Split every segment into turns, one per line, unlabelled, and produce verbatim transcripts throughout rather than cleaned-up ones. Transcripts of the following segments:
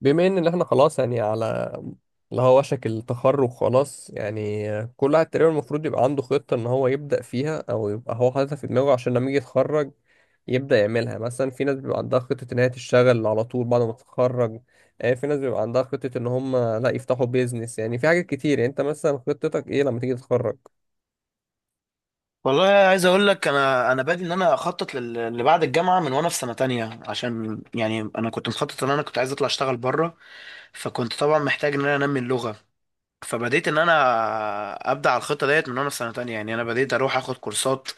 بما ان إن احنا خلاص يعني على اللي هو وشك التخرج، خلاص يعني كل واحد تقريبا المفروض يبقى عنده خطة ان هو يبدأ فيها او يبقى هو حاططها في دماغه عشان لما يجي يتخرج يبدأ يعملها. مثلا في ناس بيبقى عندها خطة ان هي تشتغل على طول بعد ما تتخرج. آه، في ناس بيبقى عندها خطة ان هم لا يفتحوا بيزنس، يعني في حاجات كتير. يعني انت مثلا خطتك ايه لما تيجي تتخرج؟
والله عايز اقول لك انا انا بادئ ان انا اخطط لل- اللي بعد الجامعه من وانا في سنه تانية، عشان يعني انا كنت مخطط ان انا كنت عايز اطلع اشتغل بره. فكنت طبعا محتاج ان انا انمي اللغه. فبديت ان انا ابدا على الخطه ديت من وانا في سنه تانية. يعني انا بديت اروح اخد كورسات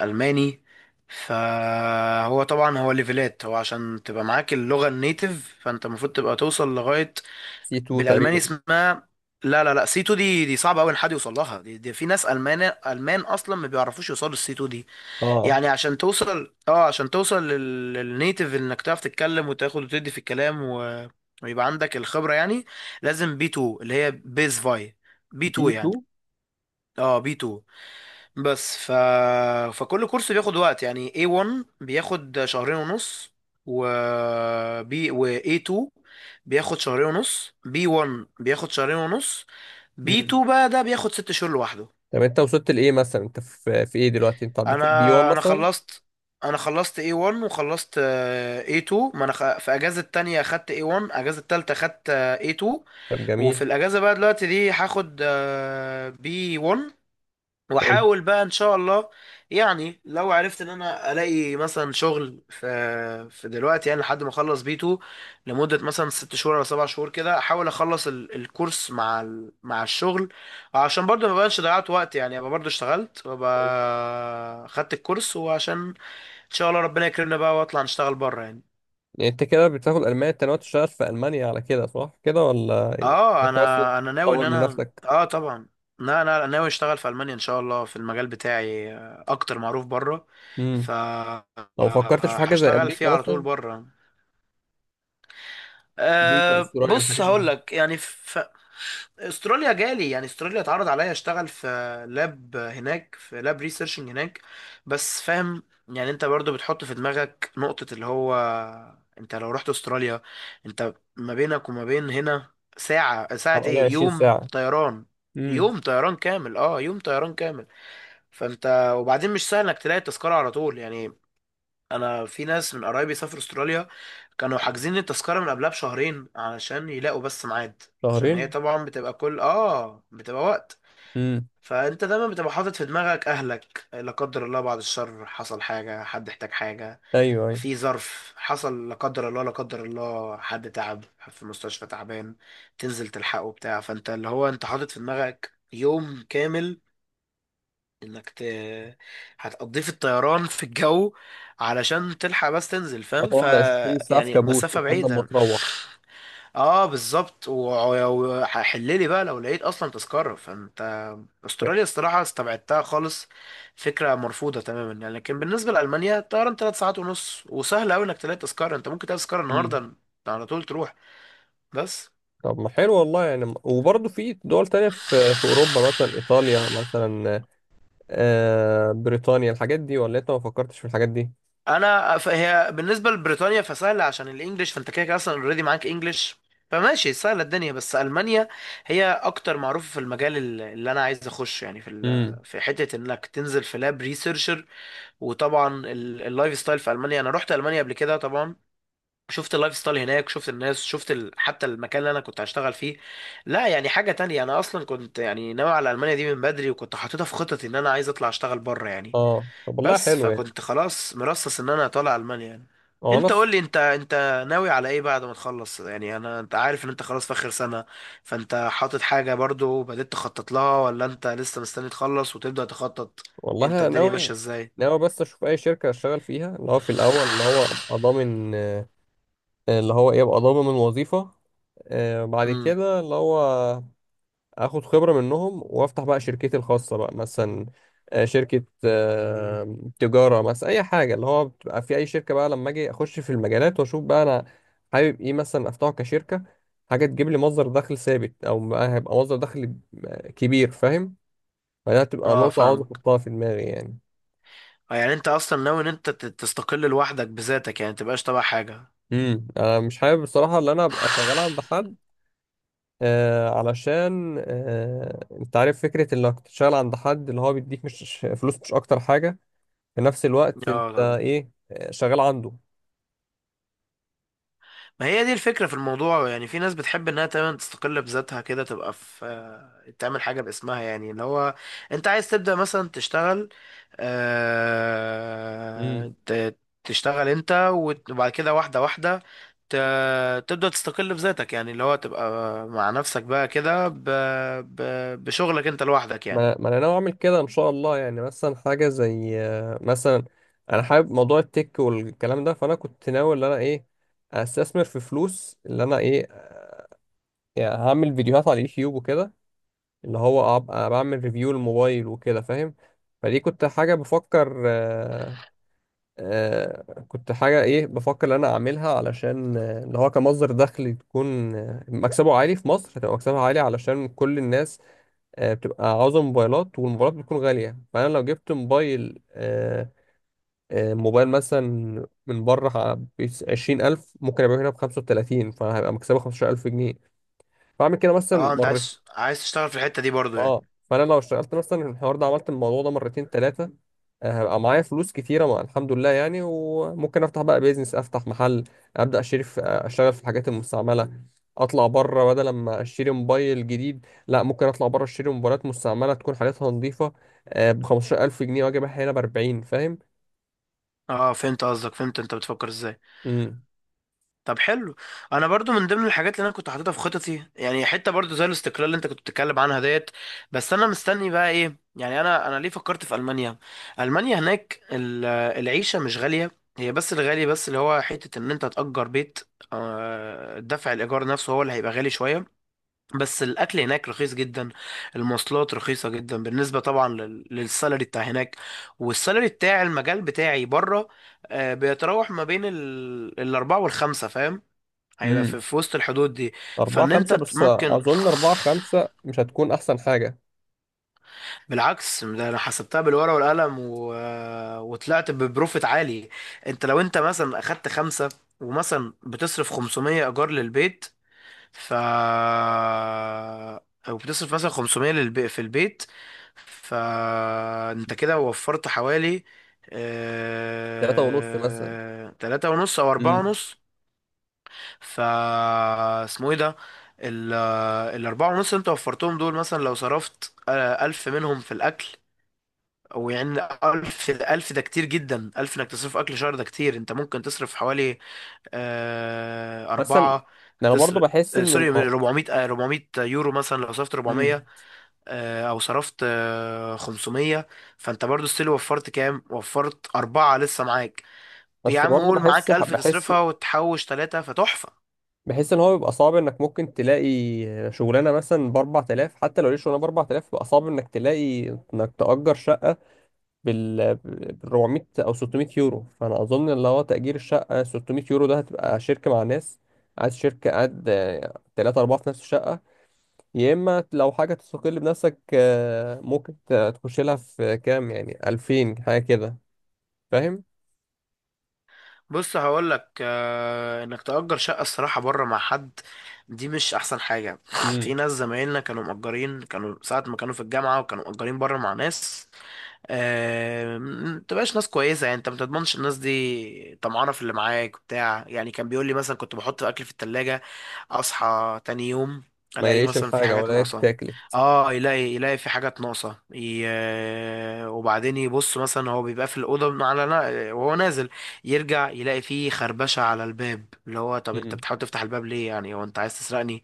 الماني. فهو طبعا هو ليفلات، هو عشان تبقى معاك اللغه النيتيف فانت المفروض تبقى توصل لغايه
سي اتنين
بالالماني
تقريبا.
اسمها... لا لا لا، سي 2. دي دي صعبه قوي ان حد يوصل لها، دي, دي في ناس المان المان اصلا ما بيعرفوش يوصلوا السي سي تو دي.
اه،
يعني عشان توصل، اه عشان توصل لل- للنيتيف، انك تعرف تتكلم وتاخد وتدي في الكلام و... ويبقى عندك الخبرة يعني. لازم بي 2 اللي هي بيز فاي. بي
بي
2 يعني.
اتنين.
اه بي 2. بس ف... فكل كورس بياخد وقت. يعني اي 1 بياخد شهرين ونص، و بي و اي 2 بياخد شهرين ونص. بي 1 بياخد شهرين ونص. بي
امم.
2 بقى ده بياخد ست شهور لوحده.
طب انت وصلت لايه مثلا؟ انت في في ايه دلوقتي؟ انت عديت البي واحد
انا انا
مثلا؟
خلصت. انا خلصت اي وان، وخلصت آه، اي تو. ما انا خ... في اجازة تانية خدت اي وان، اجازة تالتة خدت آه، اي تو.
طب جميل.
وفي الاجازة بقى دلوقتي دي هاخد آه، بي وان،
حلو.
واحاول بقى ان شاء الله. يعني لو عرفت ان انا الاقي مثلا شغل في في دلوقتي يعني، لحد ما اخلص بيتو لمده مثلا ست شهور او سبع شهور كده، احاول اخلص ال- الكورس مع ال... مع الشغل. عشان برضه ما بقاش ضيعت وقت يعني، ابقى برضه اشتغلت وابقى خدت الكورس، وعشان ان شاء الله ربنا يكرمنا بقى واطلع نشتغل بره يعني.
يعني انت كده بتاخد الماني، انت ناوي تشتغل في المانيا على كده، صح كده ولا
اه
انت بس
انا انا ناوي ان
تطور من
انا،
نفسك؟
اه طبعا. لا لا لا، ناوي اشتغل في المانيا ان شاء الله في المجال بتاعي، آه، اكتر معروف بره. ف
امم.
آه،
لو فكرتش في حاجه زي
هشتغل فيه
امريكا
على طول
مثلا؟
بره.
امريكا،
أه
استراليا،
بص
الحاجات دي؟
هقول لك يعني، في... استراليا جالي، يعني استراليا اتعرض عليا اشتغل في لاب هناك، في لاب ريسيرشنج هناك. بس فاهم، يعني انت برضو بتحط في دماغك نقطة اللي هو، انت لو رحت استراليا، انت ما بينك وما بين هنا ساعة ساعة
حوالي
ايه،
عشرين
يوم
ساعه.
طيران.
امم.
يوم طيران كامل. اه يوم طيران كامل. فانت وبعدين مش سهل انك تلاقي التذكرة على طول يعني. انا في ناس من قرايبي سافروا استراليا، كانوا حاجزين التذكره من قبلها بشهرين علشان يلاقوا بس ميعاد. عشان هي
شهرين.
طبعا بتبقى كل، اه بتبقى وقت.
امم.
فانت دايما بتبقى حاطط في دماغك اهلك، لا قدر الله بعد الشر حصل حاجه، حد احتاج حاجه،
ايوه، ايوه.
في ظرف حصل لا قدر الله، لا قدر الله حد تعب في مستشفى تعبان، تنزل تلحقه بتاع. فانت اللي هو انت حاطط في دماغك يوم كامل انك ت... هتقضيه في الطيران في الجو، علشان تلحق بس تنزل، فاهم؟ ف
هتقعد عشرين ساعه في
يعني
كابوس
مسافة
لحد ما
بعيدة.
تروح.
اه بالظبط، و- وحللي بقى لو لقيت اصلا تذكرة. فانت استراليا الصراحة استبعدتها خالص، فكرة مرفوضة تماما يعني. لكن بالنسبة لألمانيا الطيران تلات ساعات ونص، وسهل اوي انك تلاقي تذكرة، انت ممكن تلاقي تذكرة
امم.
النهاردة على طول تروح. بس
طب ما حلو والله يعني، وبرضه في دول تانية في في أوروبا، مثلا إيطاليا مثلا، آه بريطانيا، الحاجات دي، ولا أنت ما فكرتش في الحاجات دي؟
انا ف- هي بالنسبه لبريطانيا فسهله عشان الانجليش، فانت كده كده اصلا اوريدي معاك انجليش، فماشي سهله الدنيا. بس المانيا هي اكتر معروفه في المجال ال- اللي انا عايز اخشه يعني، في
امم.
ال- في حته انك تنزل في لاب ريسيرشر. وطبعا ال- اللايف ستايل في المانيا، انا رحت المانيا قبل كده طبعا، شفت اللايف ستايل هناك، شفت الناس، شفت ال... حتى المكان اللي انا كنت هشتغل فيه. لا يعني حاجه تانية. انا اصلا كنت يعني ناوي على المانيا دي من بدري، وكنت حاططها في خططي ان انا عايز اطلع اشتغل بره يعني.
اه، طب والله
بس
حلو يعني.
فكنت خلاص مرصص ان انا طالع المانيا يعني.
هو أنا
انت قول لي، انت انت ناوي على ايه بعد ما تخلص يعني؟ انا انت عارف ان انت خلاص في اخر سنة، فانت حاطط حاجة برضو بدأت تخطط لها ولا انت لسه مستني تخلص وتبدأ تخطط؟
والله
انت
انا
الدنيا ماشية
ناوي.
ازاي؟
ناوي بس اشوف اي شركه اشتغل فيها، اللي هو في الاول اللي هو ابقى ضامن، آه، اللي هو ايه ابقى ضامن وظيفه. آه، بعد
امم.
كده اللي هو اخد خبره منهم، وافتح بقى شركتي الخاصه بقى مثلا، آه، شركه، آه، تجاره مثلا، اي حاجه اللي هو بتبقى في اي شركه. بقى لما اجي اخش في المجالات واشوف بقى انا حابب ايه مثلا افتحه كشركه، حاجه تجيب لي مصدر دخل ثابت، او بقى هيبقى مصدر دخل آه، كبير، فاهم؟ فده هتبقى
اه
نقطه عاوز
فاهمك.
احطها في دماغي يعني.
آه، يعني انت اصلا ناوي ان انت ت- تستقل لوحدك بذاتك، يعني متبقاش تبع حاجة.
امم. انا مش حابب بصراحه ان انا ابقى شغال عند حد، آه علشان آه انت عارف فكره انك تشتغل عند حد، اللي هو بيديك مش فلوس، مش اكتر حاجه في نفس الوقت
اه
انت
طبعا.
ايه آه، شغال عنده.
ما هي دي الفكرة في الموضوع يعني. في ناس بتحب انها تمام تستقل بذاتها كده، تبقى في آه، تعمل حاجة باسمها يعني. اللي هو انت عايز تبدأ مثلا تشتغل، آه،
امم.
ت- تشتغل انت وت- وبعد كده واحدة واحدة، ت- تبدأ تستقل بذاتك يعني، اللي هو تبقى مع نفسك بقى كده ب- ب- بشغلك انت لوحدك يعني.
ما ما انا ناوي اعمل كده ان شاء الله يعني. مثلا حاجه زي آه مثلا، انا حابب موضوع التك والكلام ده، فانا كنت ناوي ان انا ايه استثمر في فلوس اللي انا ايه، يعني هعمل فيديوهات على اليوتيوب وكده، اللي هو ابقى بعمل ريفيو الموبايل وكده، فاهم؟ فدي كنت حاجة بفكر آه آه كنت حاجة ايه بفكر ان انا اعملها، علشان آه، اللي هو كمصدر دخل، تكون آه، مكسبه عالي في مصر، هتبقى مكسبها عالي علشان كل الناس آه بتبقى عاوزة موبايلات، والموبايلات بتكون غالية. فانا لو جبت موبايل آه آه موبايل مثلا من بره بعشرين ألف، ممكن أبيعه هنا بخمسة وتلاتين، فهيبقى مكسبه خمستاشر ألف جنيه. فأعمل كده مثلا.
اه انت عايز عايز تشتغل في الحتة دي برضو يعني.
اه، فانا لو اشتغلت مثلا الحوار ده، عملت الموضوع ده مرتين ثلاثه، هبقى معايا فلوس كتيره مع الحمد لله يعني، وممكن افتح بقى بيزنس، افتح محل، ابدا اشتري في، آه، اشتغل في الحاجات المستعمله. اطلع بره بدل ما اشتري موبايل جديد، لا ممكن اطلع بره اشتري موبايلات مستعمله تكون حالتها نظيفه ب خمستاشر الف جنيه، واجي ابيعها هنا ب اربعين، فاهم؟
اه فهمت قصدك، فهمت انت بتفكر ازاي.
امم،
طب حلو. انا برضو من ضمن الحاجات اللي انا كنت حاططها في خططي يعني، حته برضو زي الاستقلال اللي انت كنت بتتكلم عنها ديت. بس انا مستني بقى ايه؟ يعني انا انا ليه فكرت في المانيا؟ المانيا هناك ال- العيشه مش غاليه. هي بس الغالي بس اللي هو حته ان انت تأجر بيت، آه، دفع الايجار نفسه هو اللي هيبقى غالي شويه. بس الاكل هناك رخيص جدا، المواصلات رخيصه جدا بالنسبه طبعا لل- للسالري بتاع هناك. والسالري بتاع المجال بتاعي بره آه، بيتراوح ما بين ال الأربعة والخمسة فاهم، هيبقى في,
امم.
في وسط الحدود دي.
اربعة،
فان انت
خمسة.
ت-
بس
ممكن
اظن اربعة، خمسة مش هتكون احسن حاجه.
بالعكس، ده انا حسبتها بالورقه والقلم و... وطلعت ببروفيت عالي. انت لو انت مثلا اخدت خمسة، ومثلا بتصرف خمسمية ايجار للبيت، ف او بتصرف مثلا خمسمية للب... في البيت، فانت كده وفرت حوالي
تلاته ونص مثلا.
آه... تلاتة ونص او اربعة
امم.
ونص. ف اسمه ايه ده، ال- الاربعة ونص اللي انت وفرتهم دول، مثلا لو صرفت آه، الف منهم في الاكل، او يعني الف، الف ده كتير جدا، الف انك تصرف اكل شهر ده كتير، انت ممكن تصرف حوالي آه،
مثلا
أربعة
انا برضو
تصرف،
بحس ان
سوري
الموضوع،
اربعمية، آه، اربعمية يورو، مثلا لو صرفت اربعمية آه، او صرفت آه، خمسمية. فانت برضو ستيل وفرت كام، وفرت أربعة لسه معاك. يا
بس
عم
برضه
قول
بحس
معاك الف
بحس
تصرفها وتحوش ثلاثة، فتحفة.
بحس ان هو بيبقى صعب انك ممكن تلاقي شغلانه مثلا ب اربعة الاف، حتى لو ليش شغلانه ب اربعة الاف بيبقى صعب انك تلاقي انك تأجر شقه بال بال اربعميه او ستميه يورو. فانا اظن اللي هو تأجير الشقه ستميه يورو ده هتبقى شركه مع ناس، قاعد شركه، قاعد ثلاثة أربعة في نفس الشقة. يا إما لو حاجة تستقل بنفسك، آه، ممكن ت- تخش لها في كام، يعني الفين حاجة كده، فاهم؟
بص هقول لك، آه انك تأجر شقة الصراحة بره مع حد، دي مش احسن حاجة. في
مم.
ناس زمايلنا كانوا مأجرين، كانوا ساعة ما كانوا في الجامعة، وكانوا مأجرين بره مع ناس، آه، ما تبقاش ناس كويسه يعني، انت ما تضمنش الناس دي طمعانه في اللي معاك بتاع يعني. كان بيقول لي مثلا كنت بحط اكل في التلاجة، اصحى تاني يوم
ما
الاقي
يلاقيش
مثلا في
الحاجة
حاجات
ولا
ناقصه.
تاكل.
اه يلاقي يلاقي في حاجات ناقصه ي... آه، وبعدين يبص مثلا هو بيبقى في الاوضه على نا- وهو نازل، يرجع يلاقي فيه خربشه على الباب. اللي هو طب انت
مم.
بتحاول تفتح الباب ليه يعني؟ هو انت عايز تسرقني؟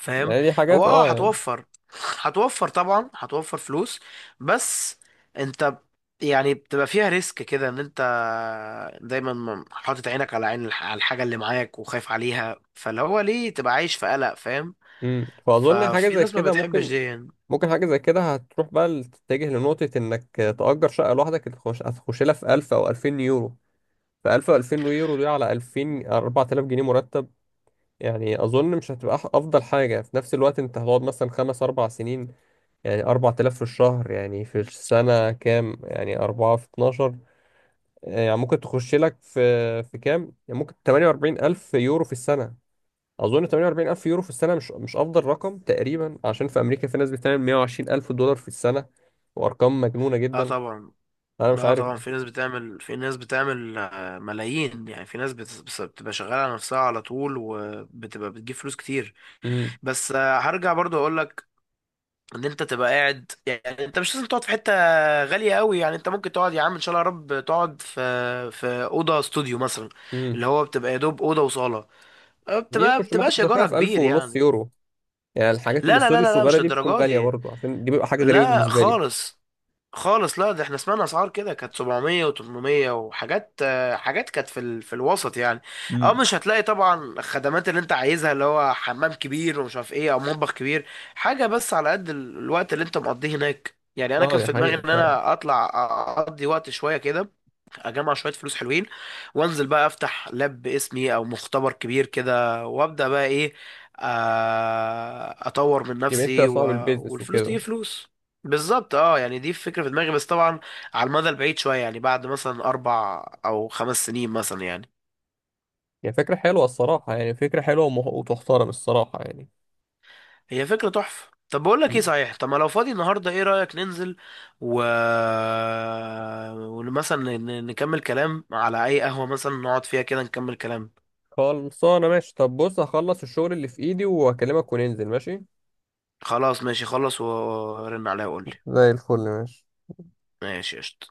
فاهم.
يعني دي حاجات
هو اه
اه يعني.
هتوفر هتوفر طبعا هتوفر فلوس، بس انت يعني بتبقى فيها ريسك كده ان انت دايما م- حاطط عينك على عين الح- على الحاجة اللي معاك، وخايف عليها. فاللي هو ليه تبقى عايش في قلق؟ فاهم.
امم، فاظن حاجه
ففي
زي
ناس ما
كده
بتحبش
ممكن.
دي يعني.
ممكن حاجه زي كده هتروح بقى تتجه لنقطه انك تأجر شقه لوحدك، هتخش هتخش لها في الف او الفين يورو. ف الف او الفين يورو دي، على الفين، اربعة الاف جنيه مرتب. يعني اظن مش هتبقى أح- افضل حاجه في نفس الوقت، انت هتقعد مثلا خمس اربع سنين، يعني اربعة الاف في الشهر، يعني في السنه كام؟ يعني اربعة في اتناشر، يعني ممكن تخش لك في في كام، يعني ممكن تمانية واربعين الف يورو في السنه. اظن تمانية واربعين الف يورو في السنه مش مش افضل رقم تقريبا، عشان في امريكا في ناس بتعمل مائة وعشرين الف دولار في السنه، وارقام مجنونه
اه
جدا.
طبعا.
انا مش
اه
عارف
طبعا
ده.
في ناس بتعمل، في ناس بتعمل آه، ملايين يعني، في ناس بت- بس- بتبقى شغالة على نفسها على طول، وبتبقى بتجيب فلوس كتير.
امم،
بس آه، هرجع برضو اقول لك ان انت تبقى قاعد يعني، انت مش لازم تقعد في حته غاليه قوي يعني، انت ممكن تقعد يا عم ان شاء الله يا رب تقعد في في اوضه استوديو مثلا،
امم.
اللي هو بتبقى يا دوب اوضه وصاله، أه،
دي
بتبقى
مش ممكن
بتبقاش
تكون
ايجارها
خلال في الف
كبير
ونص
يعني.
يورو؟ يعني الحاجات
لا لا لا
الاستوديو
لا لا،
الصغيره
مش
دي بتكون
للدرجه
غاليه
دي.
برضه؟ عشان دي بيبقى حاجه غريبه
لا
بالنسبه لي.
خالص، خالص لا، ده احنا سمعنا اسعار كده كانت سبعمية وتمنمية، وحاجات آه، حاجات كانت في ال... في الوسط يعني. اه
امم.
مش هتلاقي طبعا الخدمات اللي انت عايزها، اللي هو حمام كبير ومش عارف ايه او مطبخ كبير، حاجه بس على قد ال- الوقت اللي انت مقضيه هناك يعني. انا
اه،
كان
دي
في دماغي
حقيقه
ان
فعلا.
انا اطلع اقضي وقت شويه كده، اجمع شويه فلوس حلوين، وانزل بقى افتح لاب باسمي او مختبر كبير كده، وابدا بقى ايه، آه، اطور من
يبقى انت
نفسي و...
صاحب البيزنس
والفلوس
وكده.
تجيب فلوس. بالظبط اه، يعني دي فكره في دماغي، بس طبعا على المدى البعيد شويه يعني، بعد مثلا اربع او خمس سنين مثلا يعني.
يعني فكره حلوه الصراحه، يعني فكره حلوه ومه- وتحترم الصراحه يعني.
هي فكره تحفه. طب بقول لك ايه
مم.
صحيح، طب ما لو فاضي النهارده ايه رايك ننزل، و ومثلا نكمل كلام على اي قهوه مثلا نقعد فيها كده نكمل كلام.
خلصانه ماشي. طب بص، هخلص الشغل اللي في ايدي واكلمك وننزل، ماشي.
خلاص ماشي، خلص ورن عليها وقول لي.
زي الفل، ماشي.
ماشي قشطة.